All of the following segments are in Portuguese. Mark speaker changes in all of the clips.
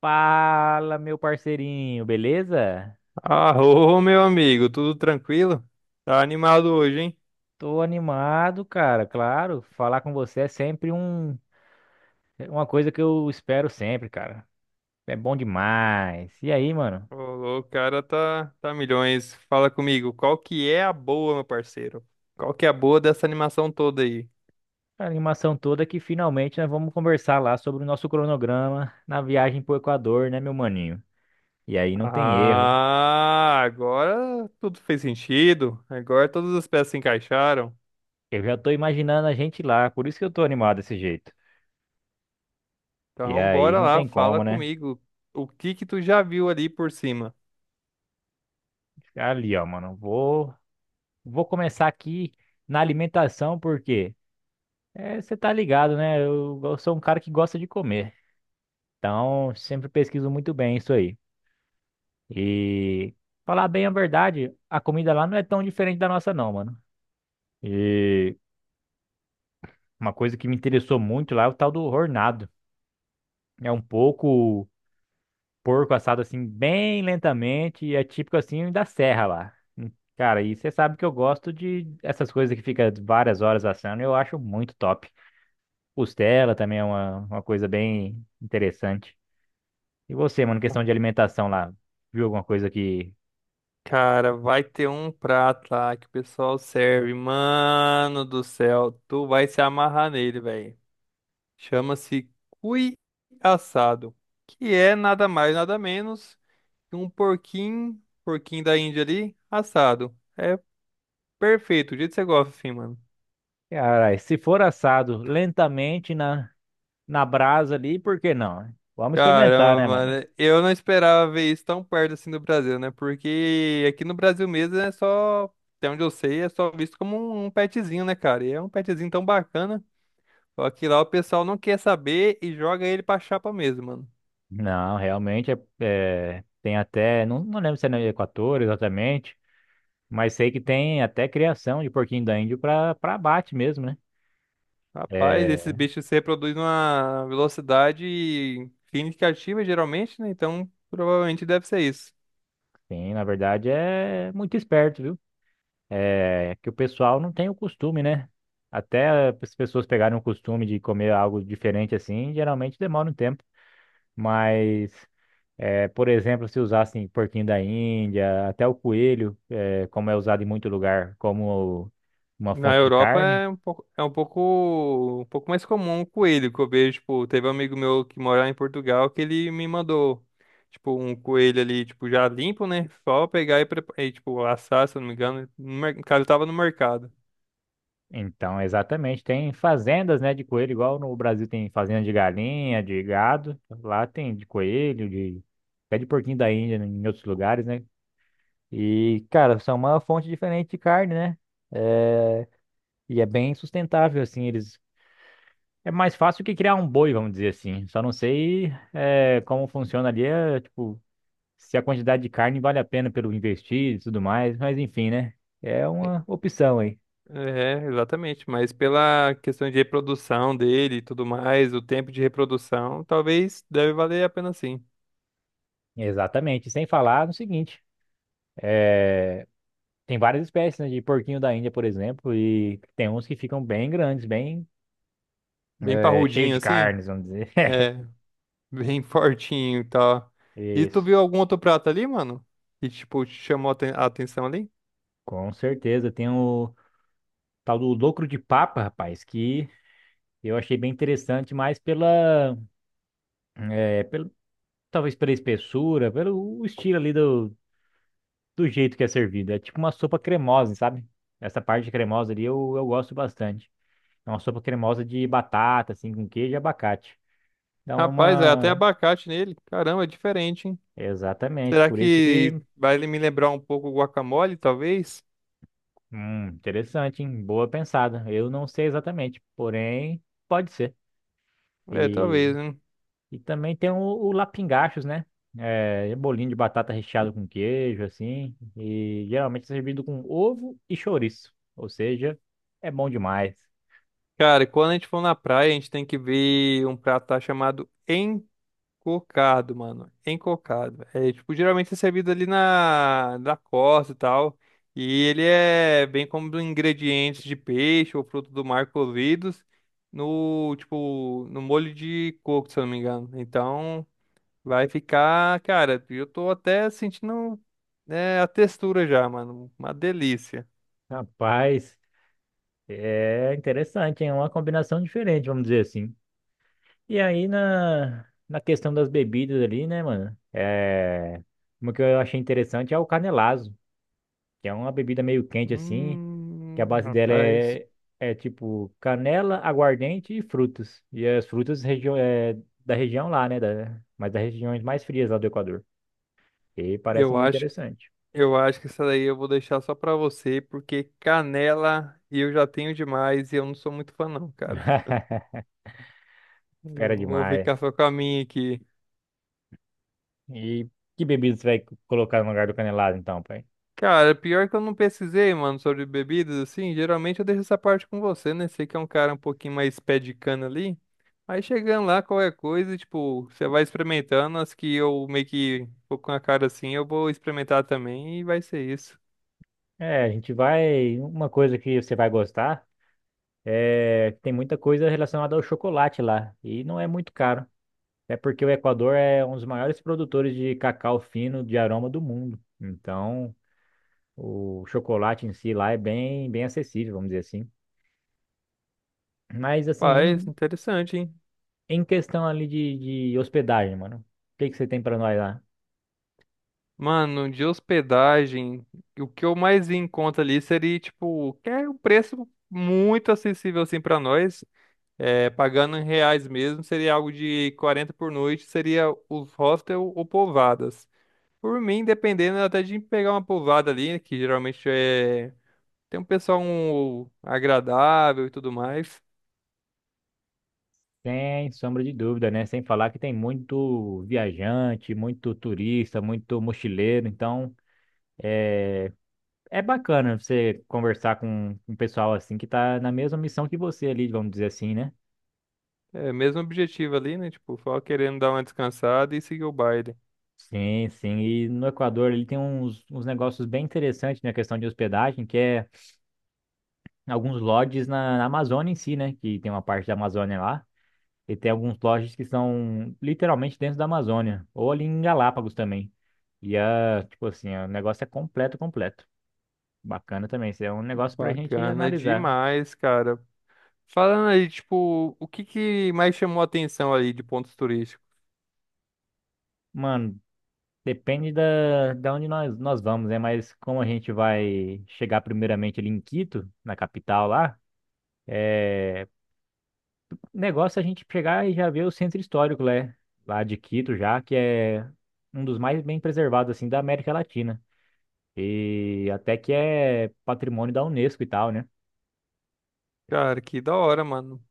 Speaker 1: Fala, meu parceirinho, beleza?
Speaker 2: Arô, meu amigo, tudo tranquilo? Tá animado hoje, hein?
Speaker 1: Tô animado, cara, claro. Falar com você é sempre um, É uma coisa que eu espero sempre, cara. É bom demais. E aí, mano?
Speaker 2: Ô, louco, o cara tá milhões. Fala comigo, qual que é a boa, meu parceiro? Qual que é a boa dessa animação toda aí?
Speaker 1: A animação toda que finalmente nós vamos conversar lá sobre o nosso cronograma na viagem pro Equador, né, meu maninho? E aí não tem erro.
Speaker 2: Ah, agora tudo fez sentido. Agora todas as peças se encaixaram.
Speaker 1: Eu já tô imaginando a gente lá, por isso que eu tô animado desse jeito. E
Speaker 2: Então,
Speaker 1: aí
Speaker 2: bora
Speaker 1: não
Speaker 2: lá,
Speaker 1: tem
Speaker 2: fala
Speaker 1: como, né?
Speaker 2: comigo. O que que tu já viu ali por cima?
Speaker 1: Ali, ó, mano, vou começar aqui na alimentação, porque é, você tá ligado, né? Eu sou um cara que gosta de comer. Então, sempre pesquiso muito bem isso aí. E falar bem a verdade, a comida lá não é tão diferente da nossa, não, mano. E uma coisa que me interessou muito lá é o tal do hornado. É um pouco porco assado assim, bem lentamente, e é típico assim da serra lá. Cara, e você sabe que eu gosto de essas coisas que fica várias horas assando, eu acho muito top. Costela também é uma coisa bem interessante. E você, mano, questão de alimentação lá, viu alguma coisa que...
Speaker 2: Cara, vai ter um prato lá que o pessoal serve. Mano do céu, tu vai se amarrar nele, velho. Chama-se cui assado, que é nada mais, nada menos que um porquinho, porquinho da Índia ali, assado. É perfeito, do jeito que você gosta, assim, mano.
Speaker 1: Cara, se for assado lentamente na brasa ali, por que não, né? Vamos experimentar,
Speaker 2: Caramba,
Speaker 1: né, mano?
Speaker 2: mano, eu não esperava ver isso tão perto assim do Brasil, né? Porque aqui no Brasil mesmo é só, até onde eu sei, é só visto como um petzinho, né, cara? E é um petzinho tão bacana. Só que lá o pessoal não quer saber e joga ele pra chapa mesmo, mano.
Speaker 1: Não, realmente tem até, não, não lembro se é no Equador exatamente, mas sei que tem até criação de porquinho da Índia para abate mesmo, né?
Speaker 2: Rapaz, esses
Speaker 1: É,
Speaker 2: bichos se reproduzem numa velocidade significativa, geralmente, né? Então, provavelmente deve ser isso.
Speaker 1: sim, na verdade é muito esperto, viu? É que o pessoal não tem o costume, né? Até as pessoas pegarem o costume de comer algo diferente assim, geralmente demora um tempo. Mas, é, por exemplo, se usassem porquinho da Índia, até o coelho, é, como é usado em muito lugar, como uma
Speaker 2: Na
Speaker 1: fonte de
Speaker 2: Europa
Speaker 1: carne.
Speaker 2: um pouco mais comum o coelho que eu vejo. Tipo, teve um amigo meu que mora em Portugal que ele me mandou, tipo, um coelho ali, tipo, já limpo, né? Só pegar e, tipo, assar, se eu não me engano. No mer- O Cara, tava no mercado.
Speaker 1: Então, exatamente, tem fazendas, né, de coelho, igual no Brasil tem fazenda de galinha, de gado, lá tem de coelho, de até de porquinho da Índia em outros lugares, né? E, cara, são uma fonte diferente de carne, né? eh, E é bem sustentável, assim, eles é mais fácil que criar um boi, vamos dizer assim. Só não sei é, como funciona ali, é, tipo, se a quantidade de carne vale a pena pelo investir e tudo mais, mas enfim, né? É uma opção aí.
Speaker 2: É, exatamente. Mas pela questão de reprodução dele e tudo mais, o tempo de reprodução, talvez deve valer a pena sim.
Speaker 1: Exatamente. Sem falar no seguinte, tem várias espécies, né, de porquinho da Índia, por exemplo, e tem uns que ficam bem grandes, bem
Speaker 2: Bem
Speaker 1: é, cheio
Speaker 2: parrudinho
Speaker 1: de
Speaker 2: assim?
Speaker 1: carnes, vamos dizer.
Speaker 2: É, bem fortinho e tal. E tu
Speaker 1: Isso,
Speaker 2: viu algum outro prato ali, mano? Que, tipo, te chamou a atenção ali?
Speaker 1: com certeza. Tem o tal do locro de papa, rapaz, que eu achei bem interessante, mas pela, talvez pela espessura, pelo o estilo ali do jeito que é servido. É tipo uma sopa cremosa, sabe? Essa parte cremosa ali eu gosto bastante. É uma sopa cremosa de batata, assim, com queijo e abacate. Então é
Speaker 2: Rapaz, é até
Speaker 1: uma.
Speaker 2: abacate nele. Caramba, é diferente, hein?
Speaker 1: Exatamente,
Speaker 2: Será
Speaker 1: por isso
Speaker 2: que
Speaker 1: que.
Speaker 2: vai ele me lembrar um pouco o guacamole, talvez?
Speaker 1: Interessante, hein? Boa pensada. Eu não sei exatamente, porém, pode ser.
Speaker 2: É,
Speaker 1: E
Speaker 2: talvez, né?
Speaker 1: E também tem o lapingachos, né? É, bolinho de batata recheado com queijo, assim. E geralmente é servido com ovo e chouriço. Ou seja, é bom demais.
Speaker 2: Cara, quando a gente for na praia, a gente tem que ver um prato lá chamado Cocado, mano. Encocado. É, tipo, geralmente é servido ali na costa e tal. E ele é bem como ingredientes de peixe ou fruto do mar cozidos no, tipo, no molho de coco, se eu não me engano. Então, vai ficar, cara, eu tô até sentindo, né, a textura já, mano. Uma delícia.
Speaker 1: Rapaz, é interessante, hein? É uma combinação diferente, vamos dizer assim. E aí na questão das bebidas ali, né, mano? É, uma que eu achei interessante é o canelazo, que é uma bebida meio quente, assim. Que a base dela
Speaker 2: Rapaz.
Speaker 1: é tipo canela, aguardente e frutos. E as frutas região, é, da região lá, né? Da, mas das regiões mais frias lá do Equador. E parece
Speaker 2: Eu
Speaker 1: muito
Speaker 2: acho
Speaker 1: interessante.
Speaker 2: Eu acho que essa daí eu vou deixar só pra você, porque canela eu já tenho demais e eu não sou muito fã não, cara. Eu
Speaker 1: Fera
Speaker 2: vou
Speaker 1: demais.
Speaker 2: ficar só com a minha aqui.
Speaker 1: E que bebida você vai colocar no lugar do canelado, então, pai?
Speaker 2: Cara, pior que eu não pesquisei, mano, sobre bebidas, assim, geralmente eu deixo essa parte com você, né? Sei que é um cara um pouquinho mais pé de cana ali. Aí chegando lá, qualquer coisa, tipo, você vai experimentando, as que eu meio que vou com a cara assim, eu vou experimentar também e vai ser isso.
Speaker 1: É, a gente vai. Uma coisa que você vai gostar é que tem muita coisa relacionada ao chocolate lá. E não é muito caro. É porque o Equador é um dos maiores produtores de cacau fino de aroma do mundo. Então, o chocolate em si lá é bem, bem acessível, vamos dizer assim. Mas assim,
Speaker 2: Paz, interessante, hein?
Speaker 1: em questão ali de hospedagem, mano, o que que você tem pra nós lá?
Speaker 2: Mano, de hospedagem, o que eu mais vi em conta ali seria, tipo, que é um preço muito acessível, assim, pra nós. É, pagando em reais mesmo, seria algo de 40 por noite, seria os hostel ou pousadas. Por mim, dependendo até de pegar uma pousada ali, que geralmente é... tem um pessoal um, agradável e tudo mais.
Speaker 1: Sem sombra de dúvida, né? Sem falar que tem muito viajante, muito turista, muito mochileiro. Então, é bacana você conversar com um pessoal assim que tá na mesma missão que você ali, vamos dizer assim, né?
Speaker 2: É, mesmo objetivo ali, né? Tipo, só querendo dar uma descansada e seguir o baile.
Speaker 1: Sim, sim. E no Equador ele tem uns negócios bem interessantes na questão de hospedagem, que é alguns lodges na Amazônia em si, né? Que tem uma parte da Amazônia lá. E tem alguns lodges que são literalmente dentro da Amazônia. Ou ali em Galápagos também. E, ah, tipo assim, o negócio é completo, completo. Bacana também. Isso é um negócio pra gente
Speaker 2: Bacana
Speaker 1: analisar.
Speaker 2: demais, cara. Falando aí, tipo, o que que mais chamou a atenção ali de pontos turísticos?
Speaker 1: Mano, depende da onde nós vamos, né? Mas como a gente vai chegar primeiramente ali em Quito, na capital lá, é, negócio é a gente chegar e já ver o centro histórico, né? Lá de Quito já, que é um dos mais bem preservados, assim, da América Latina. E até que é patrimônio da Unesco e tal, né?
Speaker 2: Cara, que da hora, mano.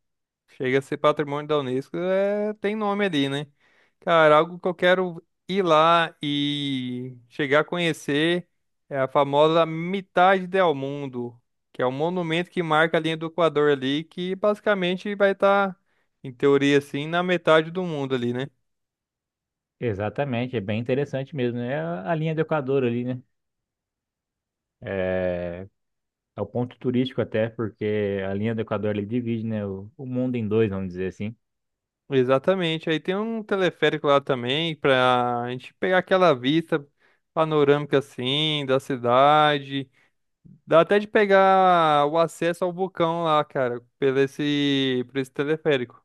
Speaker 2: Chega a ser patrimônio da Unesco, é... tem nome ali, né? Cara, algo que eu quero ir lá e chegar a conhecer é a famosa Mitad del Mundo, que é um monumento que marca a linha do Equador ali, que basicamente vai estar, em teoria, assim, na metade do mundo ali, né?
Speaker 1: Exatamente, é bem interessante mesmo, né? É a linha do Equador ali, né? É, é o ponto turístico até, porque a linha do Equador ele divide, né, o mundo em dois, vamos dizer assim.
Speaker 2: Exatamente. Aí tem um teleférico lá também pra gente pegar aquela vista panorâmica assim da cidade. Dá até de pegar o acesso ao vulcão lá, cara, pelo esse, por esse teleférico.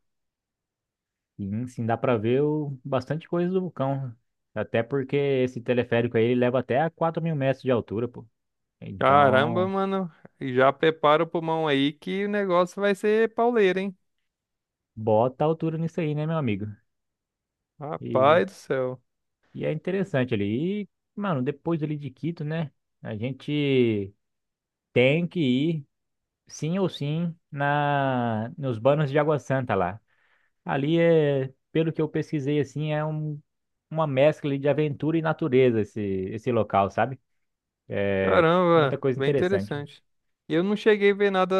Speaker 1: E sim, dá para ver o, bastante coisa do vulcão. Até porque esse teleférico aí ele leva até a 4 mil metros de altura, pô.
Speaker 2: Caramba,
Speaker 1: Então,
Speaker 2: mano. Já prepara o pulmão aí que o negócio vai ser pauleira, hein?
Speaker 1: bota a altura nisso aí, né, meu amigo? E,
Speaker 2: Rapaz do céu.
Speaker 1: e é interessante ali. E, mano, depois ali de Quito, né? A gente tem que ir, sim ou sim, nos Banos de Água Santa lá. Ali é, pelo que eu pesquisei, assim, é um, uma mescla ali de aventura e natureza esse local, sabe? É Muita
Speaker 2: Caramba,
Speaker 1: coisa
Speaker 2: bem
Speaker 1: interessante.
Speaker 2: interessante. E eu não cheguei a ver nada,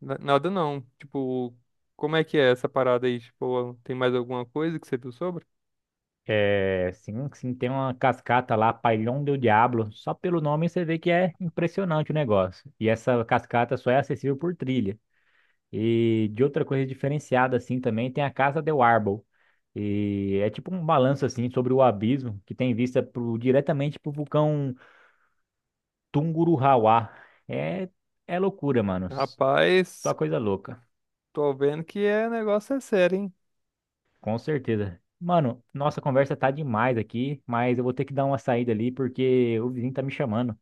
Speaker 2: nada não. Tipo, como é que é essa parada aí? Tipo, tem mais alguma coisa que você viu sobre?
Speaker 1: É, sim, sim, tem uma cascata lá, Pailhão do Diablo. Só pelo nome você vê que é impressionante o negócio. E essa cascata só é acessível por trilha. E de outra coisa diferenciada assim também tem a Casa del Árbol. E é tipo um balanço assim sobre o abismo que tem vista pro, diretamente pro vulcão Tungurahua. É é loucura, mano. Só
Speaker 2: Rapaz,
Speaker 1: coisa louca,
Speaker 2: tô vendo que é negócio é sério, hein?
Speaker 1: com certeza. Mano, nossa conversa tá demais aqui, mas eu vou ter que dar uma saída ali porque o vizinho tá me chamando.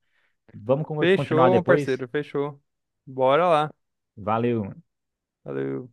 Speaker 1: Vamos continuar
Speaker 2: Fechou, meu
Speaker 1: depois?
Speaker 2: parceiro, fechou. Bora lá.
Speaker 1: Valeu.
Speaker 2: Valeu.